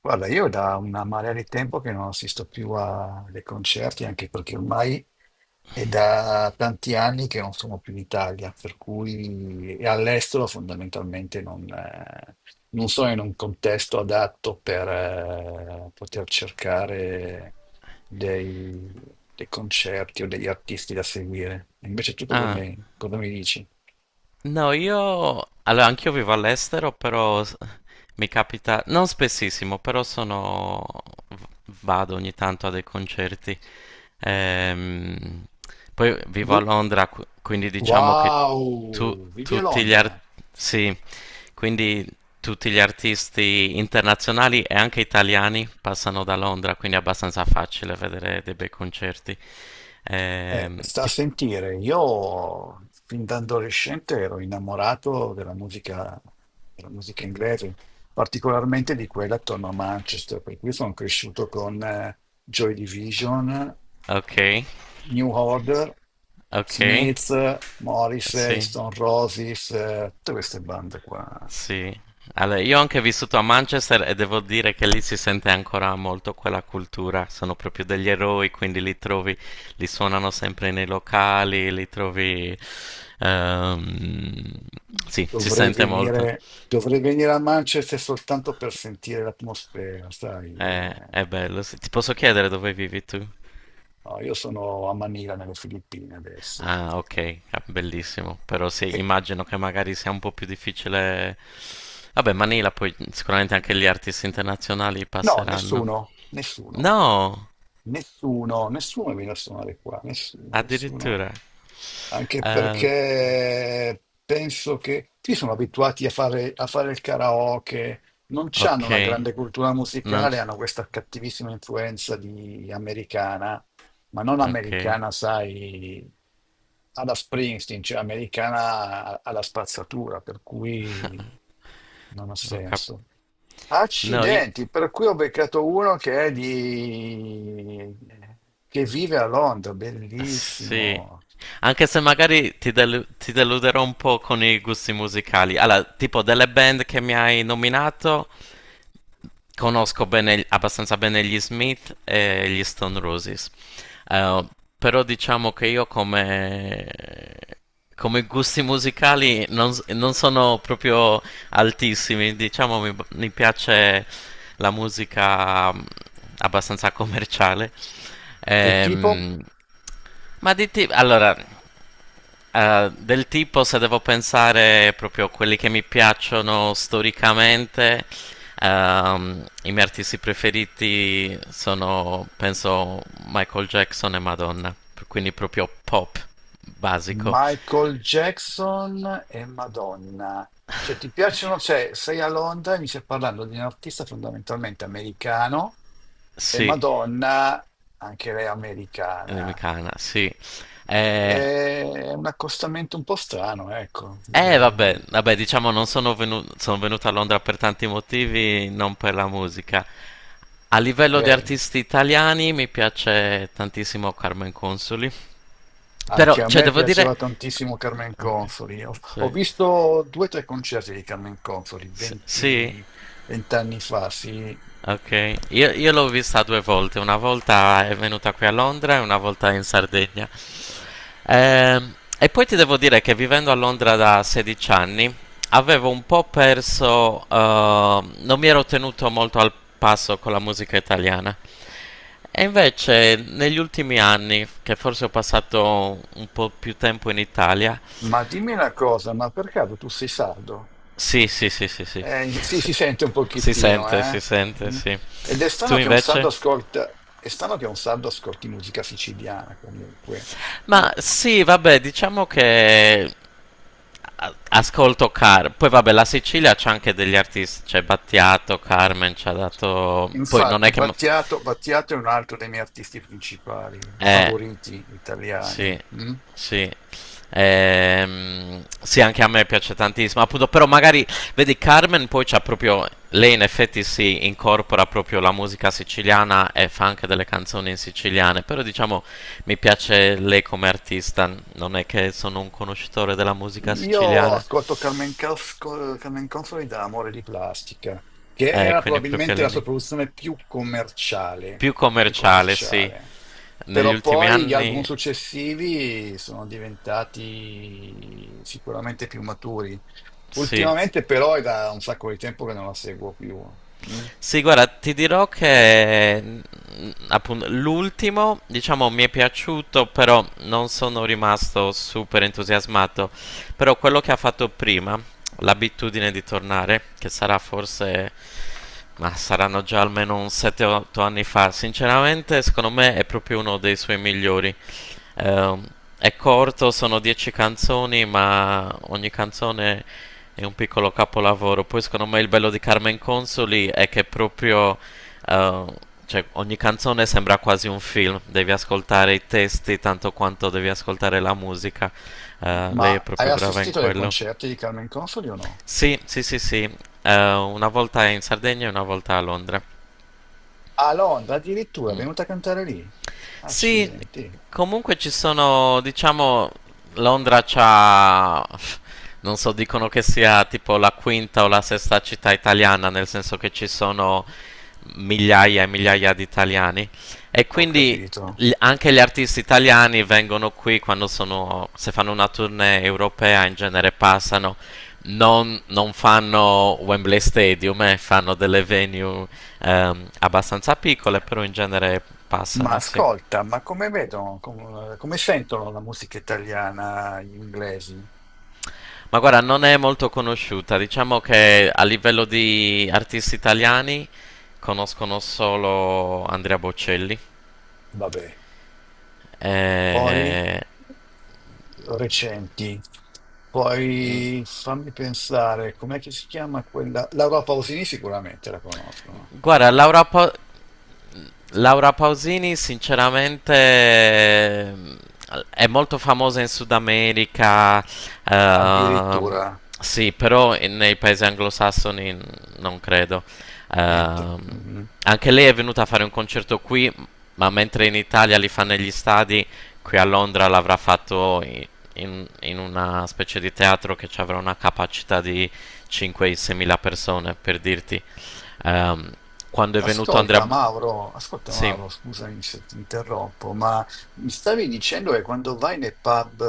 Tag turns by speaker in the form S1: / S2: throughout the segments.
S1: Guarda, io da una marea di tempo che non assisto ai concerti, anche perché ormai è da tanti anni che non sono più in Italia, per cui e all'estero fondamentalmente non sono in un contesto adatto per poter cercare dei, dei concerti o degli artisti da seguire. Invece tu
S2: Ah,
S1: cosa mi dici?
S2: no, io. Allora, anch'io vivo all'estero, però mi capita. Non spessissimo, però sono, v- vado ogni tanto a dei concerti. Ehm, Poi vivo a
S1: Du-
S2: Londra, quindi diciamo che tu-
S1: Wow, vivi a
S2: tutti gli
S1: Londra?
S2: artisti. Sì, quindi tutti gli artisti internazionali e anche italiani passano da Londra, quindi è abbastanza facile vedere dei bei concerti.
S1: Eh,
S2: Ehm,
S1: sta a
S2: ti-
S1: sentire, io fin da adolescente ero innamorato della musica inglese, particolarmente di quella attorno a Manchester, per cui sono cresciuto con Joy Division,
S2: Ok,
S1: New Order,
S2: ok,
S1: Smith, Morrissey,
S2: sì.
S1: Stone Roses, tutte queste bande qua.
S2: Sì, allora, io ho anche vissuto a Manchester e devo dire che lì si sente ancora molto quella cultura, sono proprio degli eroi, quindi li trovi, li suonano sempre nei locali, li trovi, ehm, sì, si
S1: Dovrei
S2: sente molto.
S1: venire, dovrei venire a Manchester soltanto per sentire l'atmosfera, sai?
S2: è,
S1: Eh.
S2: è bello. Sì, ti posso chiedere dove vivi tu?
S1: No, io sono a Manila, nelle Filippine adesso.
S2: Ah, ok, ah, bellissimo, però sì,
S1: E
S2: immagino che magari sia un po' più difficile. Vabbè, Manila poi sicuramente anche gli artisti internazionali
S1: No,
S2: passeranno.
S1: nessuno, nessuno,
S2: No!
S1: nessuno, nessuno viene a suonare qua, nessuno, nessuno.
S2: Addirittura.
S1: Anche
S2: Eh,
S1: perché penso che qui sono abituati a fare il karaoke, non hanno una
S2: ok,
S1: grande cultura
S2: non,
S1: musicale, hanno questa cattivissima influenza di americana, ma non
S2: ok,
S1: americana, sai, alla Springsteen, cioè americana alla spazzatura, per cui non ha
S2: ho cap-
S1: senso.
S2: no, io.
S1: Accidenti, per cui ho beccato uno che vive a Londra,
S2: Sì,
S1: bellissimo.
S2: anche se magari ti, ti deluderò un po' con i gusti musicali. Allora, tipo delle band che mi hai nominato, conosco abbastanza bene gli Smith e gli Stone Roses. Eh, però diciamo che io come, come gusti musicali, non sono proprio altissimi. Diciamo mi piace la musica, abbastanza commerciale.
S1: Del tipo
S2: Ehm, ma di tipo. Allora, del tipo se devo pensare proprio a quelli che mi piacciono storicamente, i miei artisti preferiti sono, penso, Michael Jackson e Madonna. Quindi proprio pop, basico.
S1: Michael Jackson e Madonna. Cioè, ti piacciono? Cioè, sei a Londra e mi stai parlando di un artista fondamentalmente americano e
S2: Sì,
S1: Madonna, anche lei
S2: mi
S1: americana.
S2: cana, sì. Eh,
S1: È un accostamento un po' strano, ecco,
S2: Eh vabbè,
S1: direi.
S2: vabbè, diciamo non sono sono venuto a Londra per tanti motivi, non per la musica. A livello di
S1: Beh,
S2: artisti italiani mi piace tantissimo Carmen Consoli. Però,
S1: anche a
S2: cioè,
S1: me
S2: devo dire.
S1: piaceva tantissimo Carmen
S2: Ok,
S1: Consoli. Ho
S2: sì,
S1: visto due o tre concerti di Carmen Consoli
S2: sì.
S1: 20 anni fa, sì.
S2: Ok, io l'ho vista due volte, una volta è venuta qui a Londra e una volta in Sardegna. E poi ti devo dire che vivendo a Londra da 16 anni avevo un po' perso, non mi ero tenuto molto al passo con la musica italiana. E invece negli ultimi anni, che forse ho passato un po' più tempo in Italia,
S1: Ma dimmi una cosa, ma per caso tu sei sardo?
S2: sì, sì, sì, sì, sì.
S1: Sì, si sente un
S2: Si
S1: pochettino,
S2: sente, si
S1: eh?
S2: sente,
S1: Mm.
S2: sì.
S1: Ed è
S2: Tu
S1: strano che un sardo
S2: invece?
S1: ascolta, è strano che un sardo ascolti musica siciliana comunque. Mm.
S2: Ma sì, vabbè, diciamo che ascolto Car. Poi vabbè, la Sicilia c'ha anche degli artisti, c'è Battiato, Carmen ci ha dato. Poi non è
S1: Infatti,
S2: che
S1: Battiato è un altro dei miei artisti principali,
S2: Eh,
S1: favoriti italiani.
S2: sì,
S1: Mm.
S2: sì. Sì, anche a me piace tantissimo, appunto, però magari, vedi, Carmen poi c'ha proprio, lei in effetti si incorpora proprio la musica siciliana e fa anche delle canzoni in siciliane, però diciamo mi piace lei come artista, non è che sono un conoscitore della musica
S1: Io
S2: siciliana,
S1: ascolto Carmen Consoli da Amore di Plastica, che era
S2: quindi proprio
S1: probabilmente la sua
S2: all'inizio.
S1: produzione più commerciale,
S2: Più
S1: più
S2: commerciale, sì,
S1: commerciale.
S2: negli
S1: Però
S2: ultimi
S1: poi gli
S2: anni,
S1: album successivi sono diventati sicuramente più maturi.
S2: sì.
S1: Ultimamente però è da un sacco di tempo che non la seguo più. Mm.
S2: Sì, guarda, ti dirò che, appunto l'ultimo, diciamo, mi è piaciuto, però non sono rimasto super entusiasmato. Però quello che ha fatto prima, l'abitudine di tornare, che sarà forse, ma saranno già almeno un 7-8 anni fa, sinceramente, secondo me è proprio uno dei suoi migliori. Ehm, è corto, sono 10 canzoni, ma ogni canzone è un piccolo capolavoro. Poi secondo me il bello di Carmen Consoli è che proprio, eh, cioè, ogni canzone sembra quasi un film, devi ascoltare i testi tanto quanto devi ascoltare la musica. Lei è
S1: Ma hai
S2: proprio brava in
S1: assistito ai
S2: quello.
S1: concerti di Carmen Consoli o no?
S2: Sì, sì, sì, sì. Una volta in Sardegna e una volta a Londra.
S1: A Londra addirittura, è
S2: Mm.
S1: venuta a cantare lì.
S2: Sì,
S1: Accidenti,
S2: comunque ci sono, diciamo, Londra c'ha, non so, dicono che sia tipo la quinta o la sesta città italiana, nel senso che ci sono migliaia e migliaia di italiani e
S1: ho
S2: quindi
S1: capito.
S2: anche gli artisti italiani vengono qui quando sono, se fanno una tournée europea in genere passano, non fanno Wembley Stadium, fanno delle venue, abbastanza piccole, però in genere
S1: Ma
S2: passano, sì.
S1: ascolta, ma come sentono la musica italiana gli inglesi?
S2: Ma guarda, non è molto conosciuta, diciamo che a livello di artisti italiani conoscono solo Andrea Bocelli.
S1: Vabbè, poi
S2: Eh,
S1: recenti, poi fammi pensare, com'è che si chiama quella? Laura Pausini sicuramente la conoscono,
S2: guarda, Laura Pausini, sinceramente, è molto famosa in Sud America, ehm,
S1: addirittura,
S2: sì, però nei paesi anglosassoni non credo.
S1: niente.
S2: Ehm,
S1: Mhm.
S2: Anche lei è venuta a fare un concerto qui, ma mentre in Italia li fa negli stadi, qui a Londra l'avrà fatto in una specie di teatro che ci avrà una capacità di 5-6 mila persone, per dirti. Ehm, Quando è venuto Andrea.
S1: Ascolta
S2: Sì.
S1: Mauro, scusami se ti interrompo, ma mi stavi dicendo che quando vai nei pub,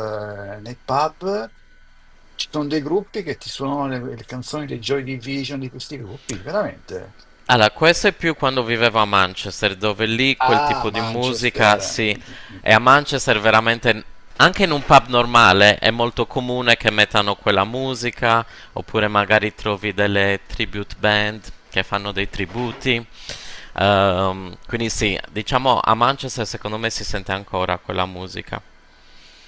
S1: nei pub ci sono dei gruppi che ti suonano le canzoni dei Joy Division di questi gruppi, veramente?
S2: Allora, questo è più quando vivevo a Manchester, dove lì quel
S1: Ah,
S2: tipo di musica,
S1: Manchester. Mm,
S2: sì,
S1: mm, mm,
S2: e a Manchester veramente, anche in un pub normale, è molto comune che mettano quella musica, oppure magari trovi delle tribute band che fanno dei tributi. Quindi sì, diciamo a Manchester secondo me si sente ancora quella musica.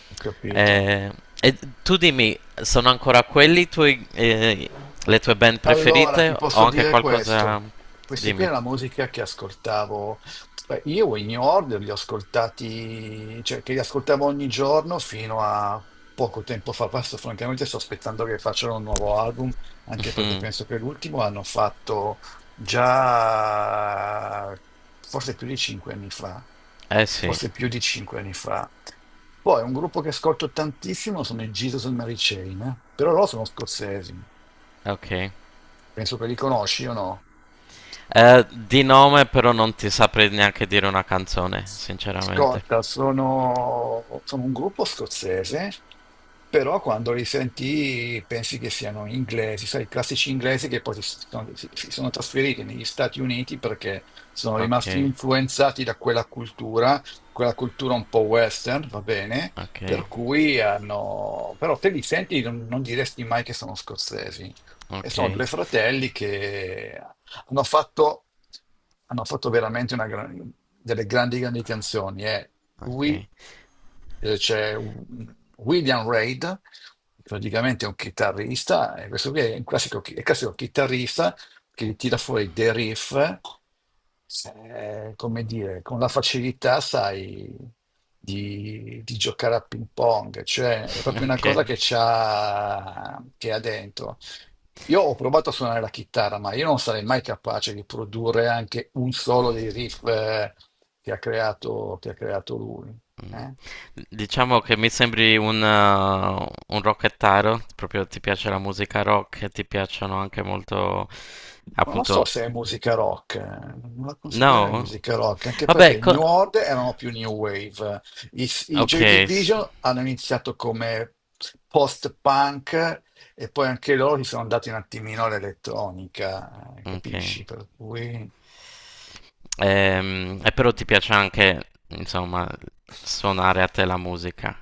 S1: ho capito.
S2: Eh, e tu dimmi, sono ancora quelli i tuoi, le tue band
S1: Allora,
S2: preferite
S1: ti
S2: o
S1: posso
S2: anche
S1: dire questo.
S2: qualcosa.
S1: Questa qui è
S2: Dimmi.
S1: la musica che ascoltavo. Beh, io in New Order li ho ascoltati, cioè che li ascoltavo ogni giorno fino a poco tempo fa. Adesso, francamente, sto aspettando che facciano un nuovo album, anche perché
S2: Hmm.
S1: penso che l'ultimo hanno fatto già forse più di cinque anni fa.
S2: Eh sì,
S1: Forse più di cinque anni fa. Poi un gruppo che ascolto tantissimo sono i Jesus and Mary Chain, eh. Però loro sono scozzesi.
S2: ok.
S1: Penso che li conosci o no?
S2: Di nome però non ti saprei neanche dire una canzone, sinceramente.
S1: Ascolta, sono un gruppo scozzese, però quando li senti pensi che siano inglesi, sai, i classici inglesi che poi si sono trasferiti negli Stati Uniti perché sono
S2: Ok,
S1: rimasti influenzati da quella cultura un po' western, va bene?
S2: ok,
S1: Per cui hanno. Però te li senti non diresti mai che sono scozzesi. E
S2: ok,
S1: sono due fratelli che Hanno fatto, hanno fatto veramente delle grandi, grandi canzoni. Lui
S2: ok,
S1: William Reid, praticamente è un chitarrista, e questo qui è un classico, è il classico chitarrista che tira fuori dei riff, come dire, con la facilità, sai, di giocare a ping pong, cioè è proprio una cosa
S2: ok.
S1: che c'ha, che ha dentro. Io ho provato a suonare la chitarra, ma io non sarei mai capace di produrre anche un solo dei riff che ha creato lui.
S2: Mm.
S1: Eh.
S2: Diciamo che mi sembri un rockettaro, proprio ti piace la musica rock e ti piacciono anche molto,
S1: Non lo so
S2: appunto,
S1: se è musica rock, non la considererei
S2: no?
S1: musica rock, anche perché
S2: Vabbè,
S1: i New Order erano più New Wave. I Joy
S2: ok,
S1: Division hanno iniziato come post-punk e poi anche loro si sono andati un attimino all'elettronica,
S2: ok.
S1: capisci? Per cui.
S2: E però ti piace anche, insomma, suonare a te la musica,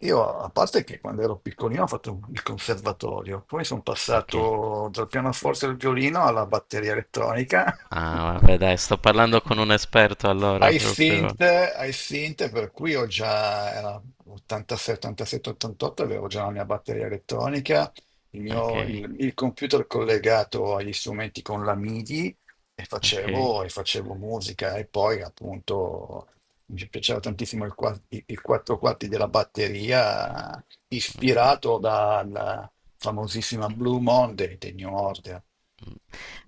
S1: Io, a parte che quando ero piccolino ho fatto il conservatorio, poi sono
S2: ok?
S1: passato dal pianoforte al violino alla batteria elettronica.
S2: Ah, vabbè, dai, sto parlando con un esperto allora,
S1: I
S2: proprio.
S1: Synth, I Synth, per cui era 86, 87, 88, avevo già la mia batteria elettronica, il
S2: Ok,
S1: mio, il, il computer collegato agli strumenti con la MIDI e
S2: ok,
S1: facevo, musica e poi appunto mi piaceva tantissimo i quattro quarti della batteria
S2: ok,
S1: ispirato dalla famosissima Blue Monday dei New Order.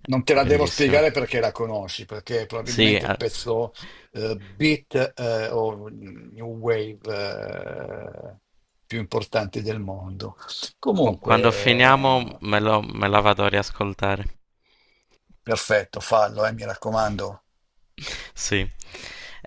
S1: Non te la devo
S2: bellissimo.
S1: spiegare perché la conosci, perché
S2: Sì,
S1: probabilmente il pezzo beat o new wave eh, più importanti del mondo. Comunque,
S2: quando finiamo me lo, me la vado a riascoltare.
S1: perfetto, fallo, mi raccomando.
S2: Sì.